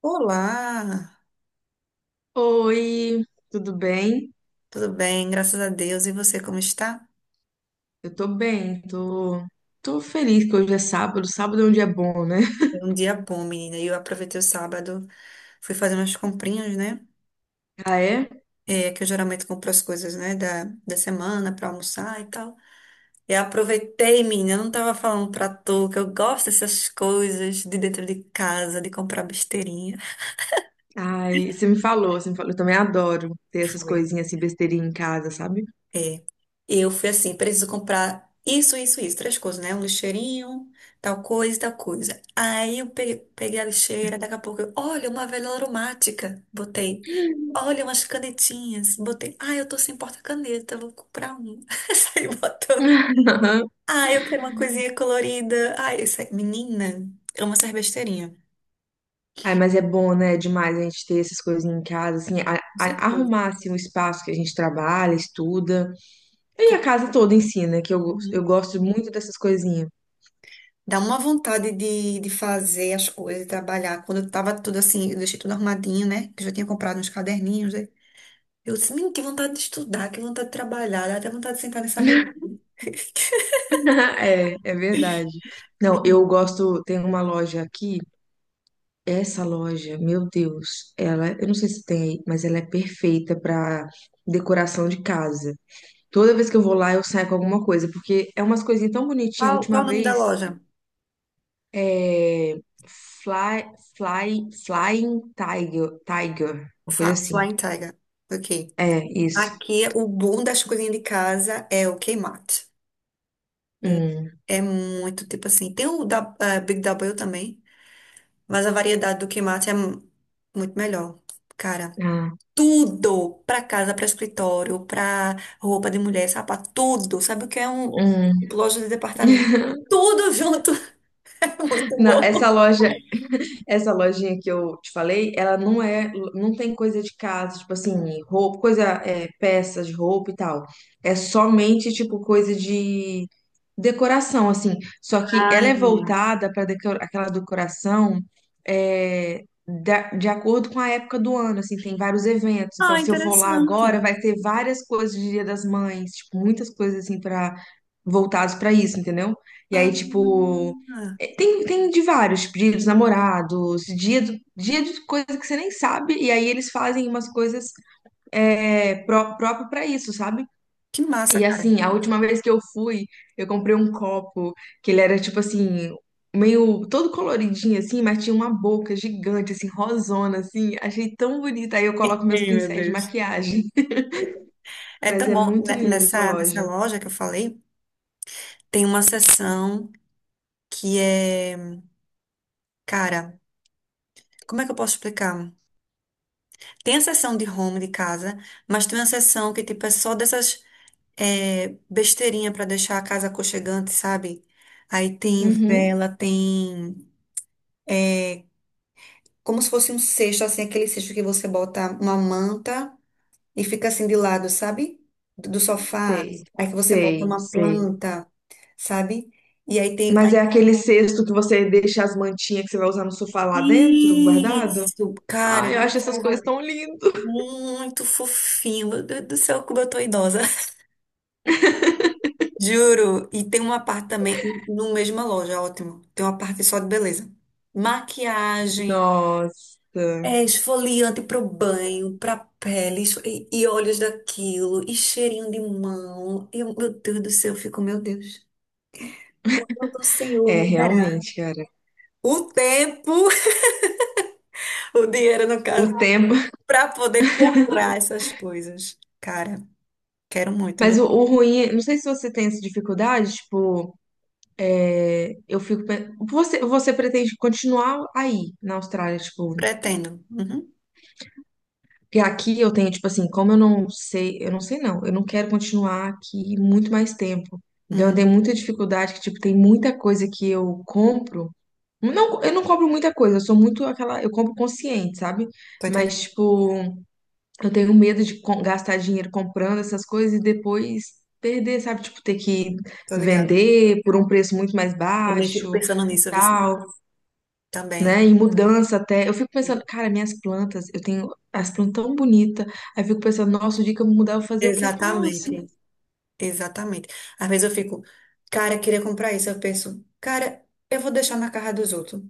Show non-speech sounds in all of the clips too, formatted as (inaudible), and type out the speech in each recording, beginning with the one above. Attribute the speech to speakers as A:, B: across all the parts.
A: Olá,
B: Oi, tudo bem?
A: tudo bem? Graças a Deus. E você, como está?
B: Eu tô bem, tô feliz que hoje é sábado. Sábado é um dia bom, né? (laughs)
A: Foi um dia bom, menina. E eu aproveitei o sábado, fui fazer umas comprinhas, né?
B: Ah, é?
A: É, que eu geralmente compro as coisas, né, da semana para almoçar e tal. E aproveitei, menina. Eu não tava falando pra tu que eu gosto dessas coisas de dentro de casa, de comprar besteirinha.
B: Ai, você me falou. Eu também adoro ter essas
A: Foi.
B: coisinhas assim, besteirinha em casa, sabe?
A: É. Eu fui assim, preciso comprar isso, isso, isso, três coisas, né? Um lixeirinho, tal coisa, e tal coisa. Aí eu peguei a lixeira, daqui a pouco eu, olha, uma vela aromática, botei. Olha, umas canetinhas, botei. Ah, eu tô sem porta-caneta, vou comprar um. (laughs) Saí botando.
B: (laughs)
A: Ah, eu quero uma coisinha colorida. Ai, essa menina, ama essas besteirinhas.
B: Ai, mas é bom, né? Demais a gente ter essas coisinhas em casa, assim,
A: Com certeza.
B: arrumar assim, o espaço que a gente trabalha, estuda. E a
A: Com-
B: casa toda ensina, eu
A: uhum.
B: gosto muito dessas coisinhas.
A: Dá uma vontade de fazer as coisas, de trabalhar. Quando eu tava tudo assim, eu deixei tudo arrumadinho, né? Que eu já tinha comprado uns caderninhos, né? Eu disse, menino, que vontade de estudar, que vontade de trabalhar. Dá até vontade de sentar nessa mesa. (laughs)
B: (laughs) É verdade. Não, eu
A: Menino.
B: gosto, tem uma loja aqui. Essa loja, meu Deus, ela, eu não sei se tem aí, mas ela é perfeita para decoração de casa. Toda vez que eu vou lá, eu saio com alguma coisa, porque é umas coisinhas tão bonitinhas. A
A: Qual,
B: última
A: qual o nome da
B: vez,
A: loja?
B: é Fly, Flying Tiger, Tiger, uma coisa assim.
A: Flying Tiger. Ok.
B: É, isso.
A: Aqui, o bom das coisinhas de casa é o Kmart.
B: Hum,
A: É muito, tipo assim, tem o da, Big W também, mas a variedade do Kmart é muito melhor. Cara,
B: ah,
A: tudo pra casa, pra escritório, pra roupa de mulher, sapato, tudo. Sabe o que é um
B: hum.
A: loja de departamento?
B: (laughs)
A: Tudo junto. (laughs) É muito
B: Não, essa
A: bom.
B: loja Essa lojinha que eu te falei, ela não é, não tem coisa de casa, tipo assim, roupa, coisa, é, peças de roupa e tal. É somente tipo coisa de decoração, assim. Só que
A: Ah,
B: ela é
A: entendi.
B: voltada para aquela decoração, de acordo com a época do ano, assim, tem vários eventos. Então,
A: Ah,
B: se eu for lá
A: interessante.
B: agora, vai ter várias coisas de Dia das Mães, tipo, muitas coisas assim para voltadas para isso, entendeu? E
A: Ah,
B: aí, tipo, tem, de vários, dia dos namorados, dia de coisa que você nem sabe, e aí eles fazem umas coisas, próprio para isso, sabe?
A: que massa,
B: E
A: cara.
B: assim, a última vez que eu fui, eu comprei um copo que ele era tipo assim, meio todo coloridinho assim, mas tinha uma boca gigante, assim, rosona, assim. Achei tão bonita. Aí eu coloco
A: (laughs)
B: meus
A: Ei, meu
B: pincéis de
A: Deus.
B: maquiagem. (laughs)
A: É
B: Mas
A: tão
B: é
A: bom.
B: muito
A: Ne-
B: linda essa
A: Nessa, nessa
B: loja.
A: loja que eu falei, tem uma seção que é. Cara, como é que eu posso explicar? Tem a seção de home, de casa, mas tem uma seção que tipo, é só dessas, é, besteirinha pra deixar a casa aconchegante, sabe? Aí tem
B: Uhum,
A: vela, tem é, como se fosse um cesto, assim, aquele cesto que você bota uma manta e fica assim de lado, sabe? Do sofá.
B: sei,
A: Aí que você bota
B: sei,
A: uma
B: sei.
A: planta, sabe? E aí tem.
B: Mas é aquele cesto que você deixa as mantinhas que você vai usar no sofá lá dentro, guardado?
A: Isso, cara,
B: Ai, eu acho essas
A: nossa,
B: coisas tão lindas.
A: muito fofinho. Meu Deus do céu, como eu tô idosa. Juro, e tem uma parte também, no mesma loja, ótimo. Tem uma parte só de beleza. Maquiagem,
B: Nossa.
A: é esfoliante pro banho, pra pele, e olhos daquilo, e cheirinho de mão. Eu, meu Deus do céu, eu fico, meu Deus. Quando o Senhor
B: É,
A: me dará
B: realmente, cara.
A: o tempo, (laughs) o dinheiro no caso,
B: O tempo. (laughs)
A: pra poder comprar essas coisas. Cara, quero muito, meu,
B: Mas o ruim, é, não sei se você tem essa dificuldade, tipo, Você pretende continuar aí na Austrália, tipo.
A: pretendo. Uhum,
B: Porque aqui eu tenho, tipo assim, como eu não sei, eu não quero continuar aqui muito mais tempo. Então eu
A: uhum.
B: tenho muita dificuldade, que, tipo, tem muita coisa que eu compro. Não, eu não compro muita coisa, eu sou muito aquela. Eu compro consciente, sabe?
A: Tô entendendo,
B: Mas, tipo, eu tenho medo de gastar dinheiro comprando essas coisas e depois perder, sabe? Tipo, ter que
A: tô ligada.
B: vender por um preço muito mais
A: Também fico
B: baixo
A: pensando
B: e
A: nisso, eu vi
B: tal,
A: também.
B: né? E mudança até. Eu fico pensando, cara, minhas plantas, eu tenho as plantas tão bonitas. Aí eu fico pensando, nossa, o dia que eu mudar, eu vou fazer o quê com elas?
A: Exatamente, exatamente. Às vezes eu fico, cara, queria comprar isso. Eu penso, cara, eu vou deixar na casa dos outros.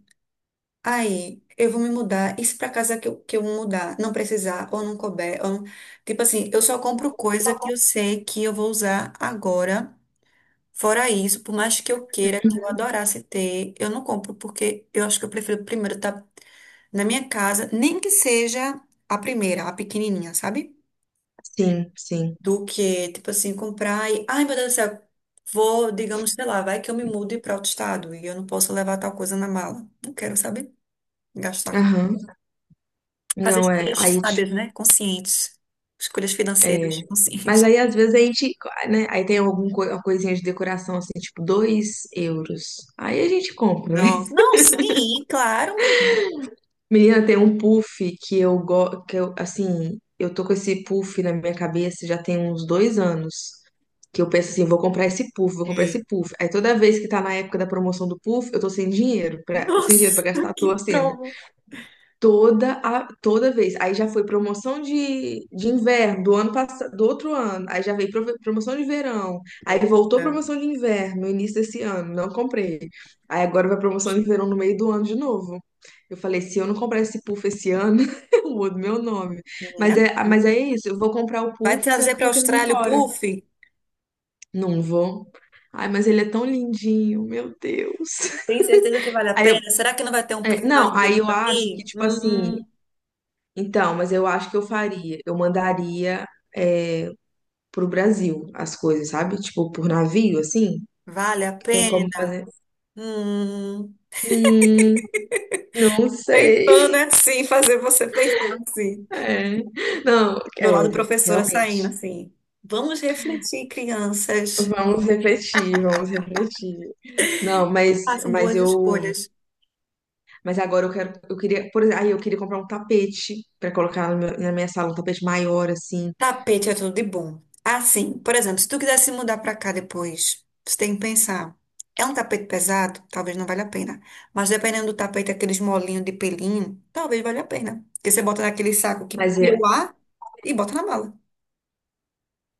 A: Aí eu vou me mudar. E se pra casa que eu mudar, não precisar, ou não couber, ou não. Tipo assim, eu só compro coisa que eu sei que eu vou usar agora. Fora isso, por mais que eu queira, que eu adorasse ter, eu não compro, porque eu acho que eu prefiro primeiro estar na minha casa, nem que seja a primeira, a pequenininha, sabe?
B: Sim, sim.
A: Do que, tipo assim, comprar e, ai meu Deus do céu, vou, digamos, sei lá, vai que eu me mude para outro estado e eu não posso levar tal coisa na mala. Não quero, sabe? Gastar com.
B: Aham.
A: Fazer
B: Não, é.
A: escolhas
B: Aí
A: sábias, né? Conscientes. Escolhas
B: É.
A: financeiras
B: Mas
A: conscientes. (laughs)
B: aí, às vezes, a gente, né? Aí tem alguma coisinha de decoração, assim, tipo, 2 euros. Aí a gente compra, né?
A: Não,
B: (laughs)
A: não, sim, claro, menina.
B: Menina, tem um puff que eu gosto, que eu, assim, eu tô com esse puff na minha cabeça já tem uns 2 anos. Que eu penso assim, vou comprar
A: Ei,
B: esse puff. Aí toda vez que tá na época da promoção do puff, eu tô sem dinheiro, sem dinheiro pra
A: nossa,
B: gastar à
A: que
B: toa, assim.
A: prova.
B: Toda vez. Aí já foi promoção de inverno do ano passado, do outro ano. Aí já veio promoção de verão. Aí voltou
A: Poxa,
B: promoção de inverno no início desse ano. Não comprei. Aí agora vai promoção de verão no meio do ano de novo. Eu falei, se eu não comprar esse puff esse ano, (laughs) eu mudo meu nome. Mas
A: né?
B: é, mas é isso, eu vou comprar o
A: Vai
B: puff sendo
A: trazer
B: que
A: para a
B: eu tô querendo ir
A: Austrália o
B: embora.
A: puff?
B: Não vou. Ai, mas ele é tão lindinho, meu Deus.
A: Tem certeza que
B: (laughs)
A: vale a
B: Aí eu,
A: pena? Será que não vai ter um
B: é,
A: puff mais
B: não, aí
A: bonito
B: eu acho que,
A: aqui?
B: tipo assim, então, mas eu acho que eu faria. Eu mandaria, é, pro Brasil as coisas, sabe? Tipo, por navio, assim,
A: Vale a
B: que tem como
A: pena?
B: fazer.
A: Hum.
B: Hum, não
A: Tentando
B: sei. (laughs)
A: assim, fazer você pensar assim.
B: É. Não,
A: Meu lado
B: é,
A: professora
B: realmente.
A: saindo assim. Vamos refletir, crianças.
B: Vamos refletir. Não,
A: Façam
B: mas
A: boas
B: eu,
A: escolhas.
B: mas agora eu quero, eu queria, por exemplo, aí eu queria comprar um tapete para colocar no meu- na minha sala, um tapete maior assim.
A: Tapete é tudo de bom. Assim, por exemplo, se tu quiser se mudar pra cá depois, você tem que pensar. É um tapete pesado? Talvez não valha a pena. Mas dependendo do tapete, aqueles molinhos de pelinho, talvez valha a pena. Porque você bota naquele saco que
B: Mas
A: tira
B: é,
A: o ar e bota na mala.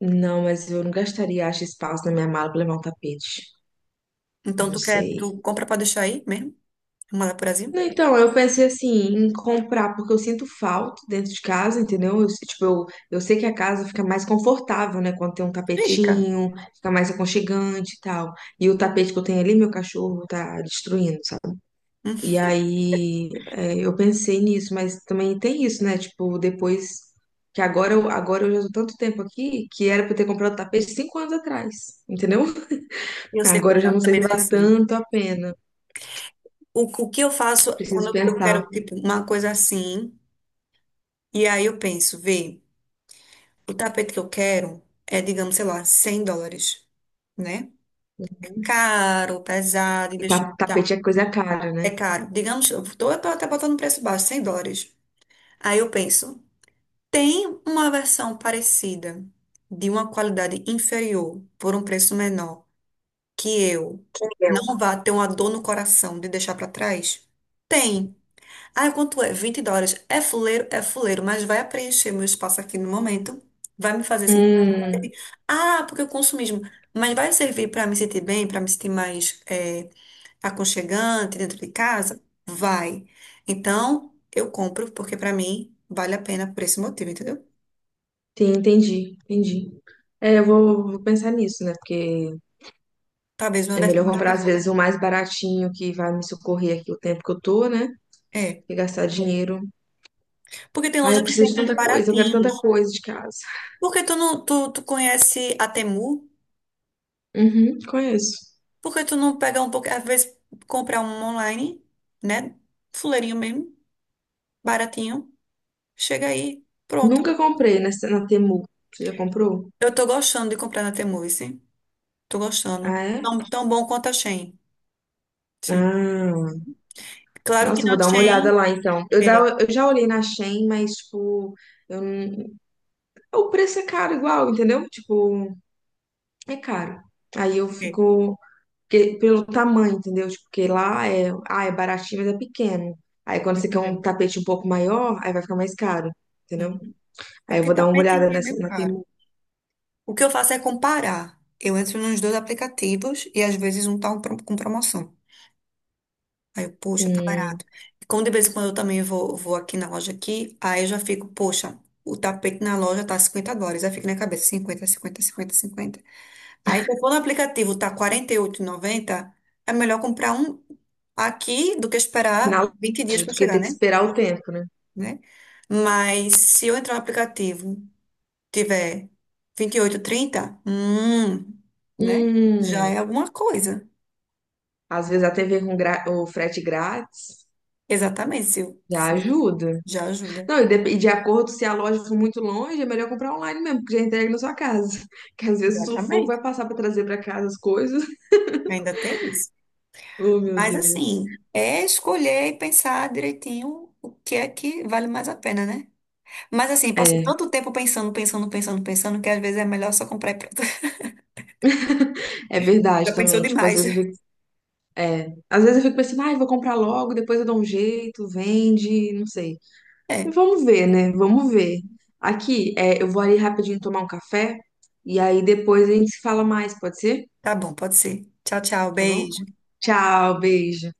B: não, mas eu não gastaria, acho, espaço na minha mala para levar um tapete.
A: Então
B: Não
A: tu quer,
B: sei.
A: tu compra pra deixar aí mesmo? Manda pro Brasil?
B: Não, então, eu pensei assim, em comprar, porque eu sinto falta dentro de casa, entendeu? Eu sei que a casa fica mais confortável, né? Quando tem um
A: Fica.
B: tapetinho, fica mais aconchegante e tal. E o tapete que eu tenho ali, meu cachorro tá destruindo, sabe?
A: Hum.
B: E aí, é, eu pensei nisso, mas também tem isso, né? Tipo, depois que agora eu já tô tanto tempo aqui que era pra eu ter comprado tapete 5 anos atrás, entendeu?
A: Eu sei
B: Agora
A: como
B: eu
A: é,
B: já
A: eu
B: não sei
A: também
B: se vai
A: faço.
B: tanto a pena.
A: O que eu faço
B: Preciso
A: quando eu quero,
B: pensar.
A: tipo, uma coisa assim, e aí eu penso, vê, o tapete que eu quero é, digamos, sei lá, $100, né? Caro, pesado,
B: E
A: investimento e tal.
B: tapete é coisa cara, né?
A: É caro. Digamos, eu tô até botando um preço baixo, $100. Aí eu penso, tem uma versão parecida, de uma qualidade inferior, por um preço menor, que eu não vá ter uma dor no coração de deixar pra trás? Tem. Ah, quanto é? $20. É fuleiro, mas vai preencher meu espaço aqui no momento. Vai me fazer assim.
B: Hum,
A: Ah, porque o consumismo. Mas vai servir para me sentir bem, para me sentir mais aconchegante dentro de casa? Vai. Então, eu compro, porque para mim vale a pena por esse motivo, entendeu?
B: sim, entendi. É, vou pensar nisso, né? Porque
A: Talvez uma
B: é
A: versão
B: melhor
A: mais
B: comprar, às
A: barata.
B: vezes, o mais baratinho que vai me socorrer aqui o tempo que eu tô, né?
A: É.
B: E gastar dinheiro.
A: Porque tem
B: Ah,
A: loja
B: eu
A: que
B: preciso de
A: vende uns
B: tanta coisa, eu quero tanta
A: baratinhos.
B: coisa de casa.
A: Por que tu não, tu, tu conhece a Temu?
B: Uhum, conheço.
A: Por que tu não pega um pouco, às vezes comprar um online, né? Fuleirinho mesmo. Baratinho. Chega aí. Pronto.
B: Nunca comprei nessa, na Temu. Você já comprou?
A: Eu tô gostando de comprar na Temu, sim. Tô gostando.
B: Ah, é?
A: Tão, tão bom quanto a Shein. Sim.
B: Ah,
A: Claro que
B: nossa, eu
A: na
B: vou dar uma olhada
A: Shein.
B: lá então.
A: É,
B: Eu já olhei na Shein, mas, tipo, eu não, o preço é caro igual, entendeu? Tipo, é caro. Aí eu
A: é.
B: fico, porque, pelo tamanho, entendeu? Tipo, porque lá é, ah, é baratinho, mas é pequeno. Aí quando
A: Tô
B: você quer um
A: entendendo.
B: tapete um pouco maior, aí vai ficar mais caro, entendeu?
A: Uhum. É
B: Aí eu
A: porque
B: vou dar uma
A: tapete
B: olhada
A: ali é
B: nessa,
A: meio caro.
B: Temu.
A: O que eu faço é comparar. Eu entro nos dois aplicativos e às vezes um tá um com promoção. Aí eu, poxa, tá
B: Hum,
A: barato. E como de vez em quando eu também vou aqui na loja aqui, aí eu já fico, poxa, o tapete na loja tá $50. Aí fica na cabeça, 50, 50, 50, 50. Aí, se eu for no aplicativo, tá 48,90, é melhor comprar um aqui do que
B: na
A: esperar 20 dias
B: loja,
A: para
B: do que ter
A: chegar,
B: que
A: né?
B: esperar o tempo, né?
A: Né? Mas se eu entrar no aplicativo, tiver vinte e oito, trinta, né? Já
B: Hum,
A: é alguma coisa.
B: às vezes até ver com o frete grátis
A: Exatamente,
B: já
A: Sil.
B: ajuda.
A: Já ajuda.
B: Não, e de acordo se a loja for muito longe, é melhor comprar online mesmo, porque já entrega na sua casa. (laughs) Que às vezes o sufoco vai
A: Exatamente.
B: passar pra trazer pra casa as coisas. (laughs)
A: Ainda tem isso.
B: Oh, meu
A: Mas
B: Deus.
A: assim, é escolher e pensar direitinho o que é que vale mais a pena, né? Mas assim, passo
B: É,
A: tanto tempo pensando, pensando, pensando, pensando, que às vezes é melhor só comprar e pronto. (laughs)
B: é
A: Já
B: verdade
A: pensou
B: também. Tipo, às
A: demais.
B: vezes eu fico É, às vezes eu fico pensando, ai, vou comprar logo, depois eu dou um jeito, vende, não sei.
A: É,
B: Mas vamos ver, né? Vamos ver. Aqui, é, eu vou ali rapidinho tomar um café e aí depois a gente se fala mais, pode ser?
A: tá bom, pode ser. Tchau, tchau,
B: Tá bom?
A: beijo.
B: Tchau, beijo.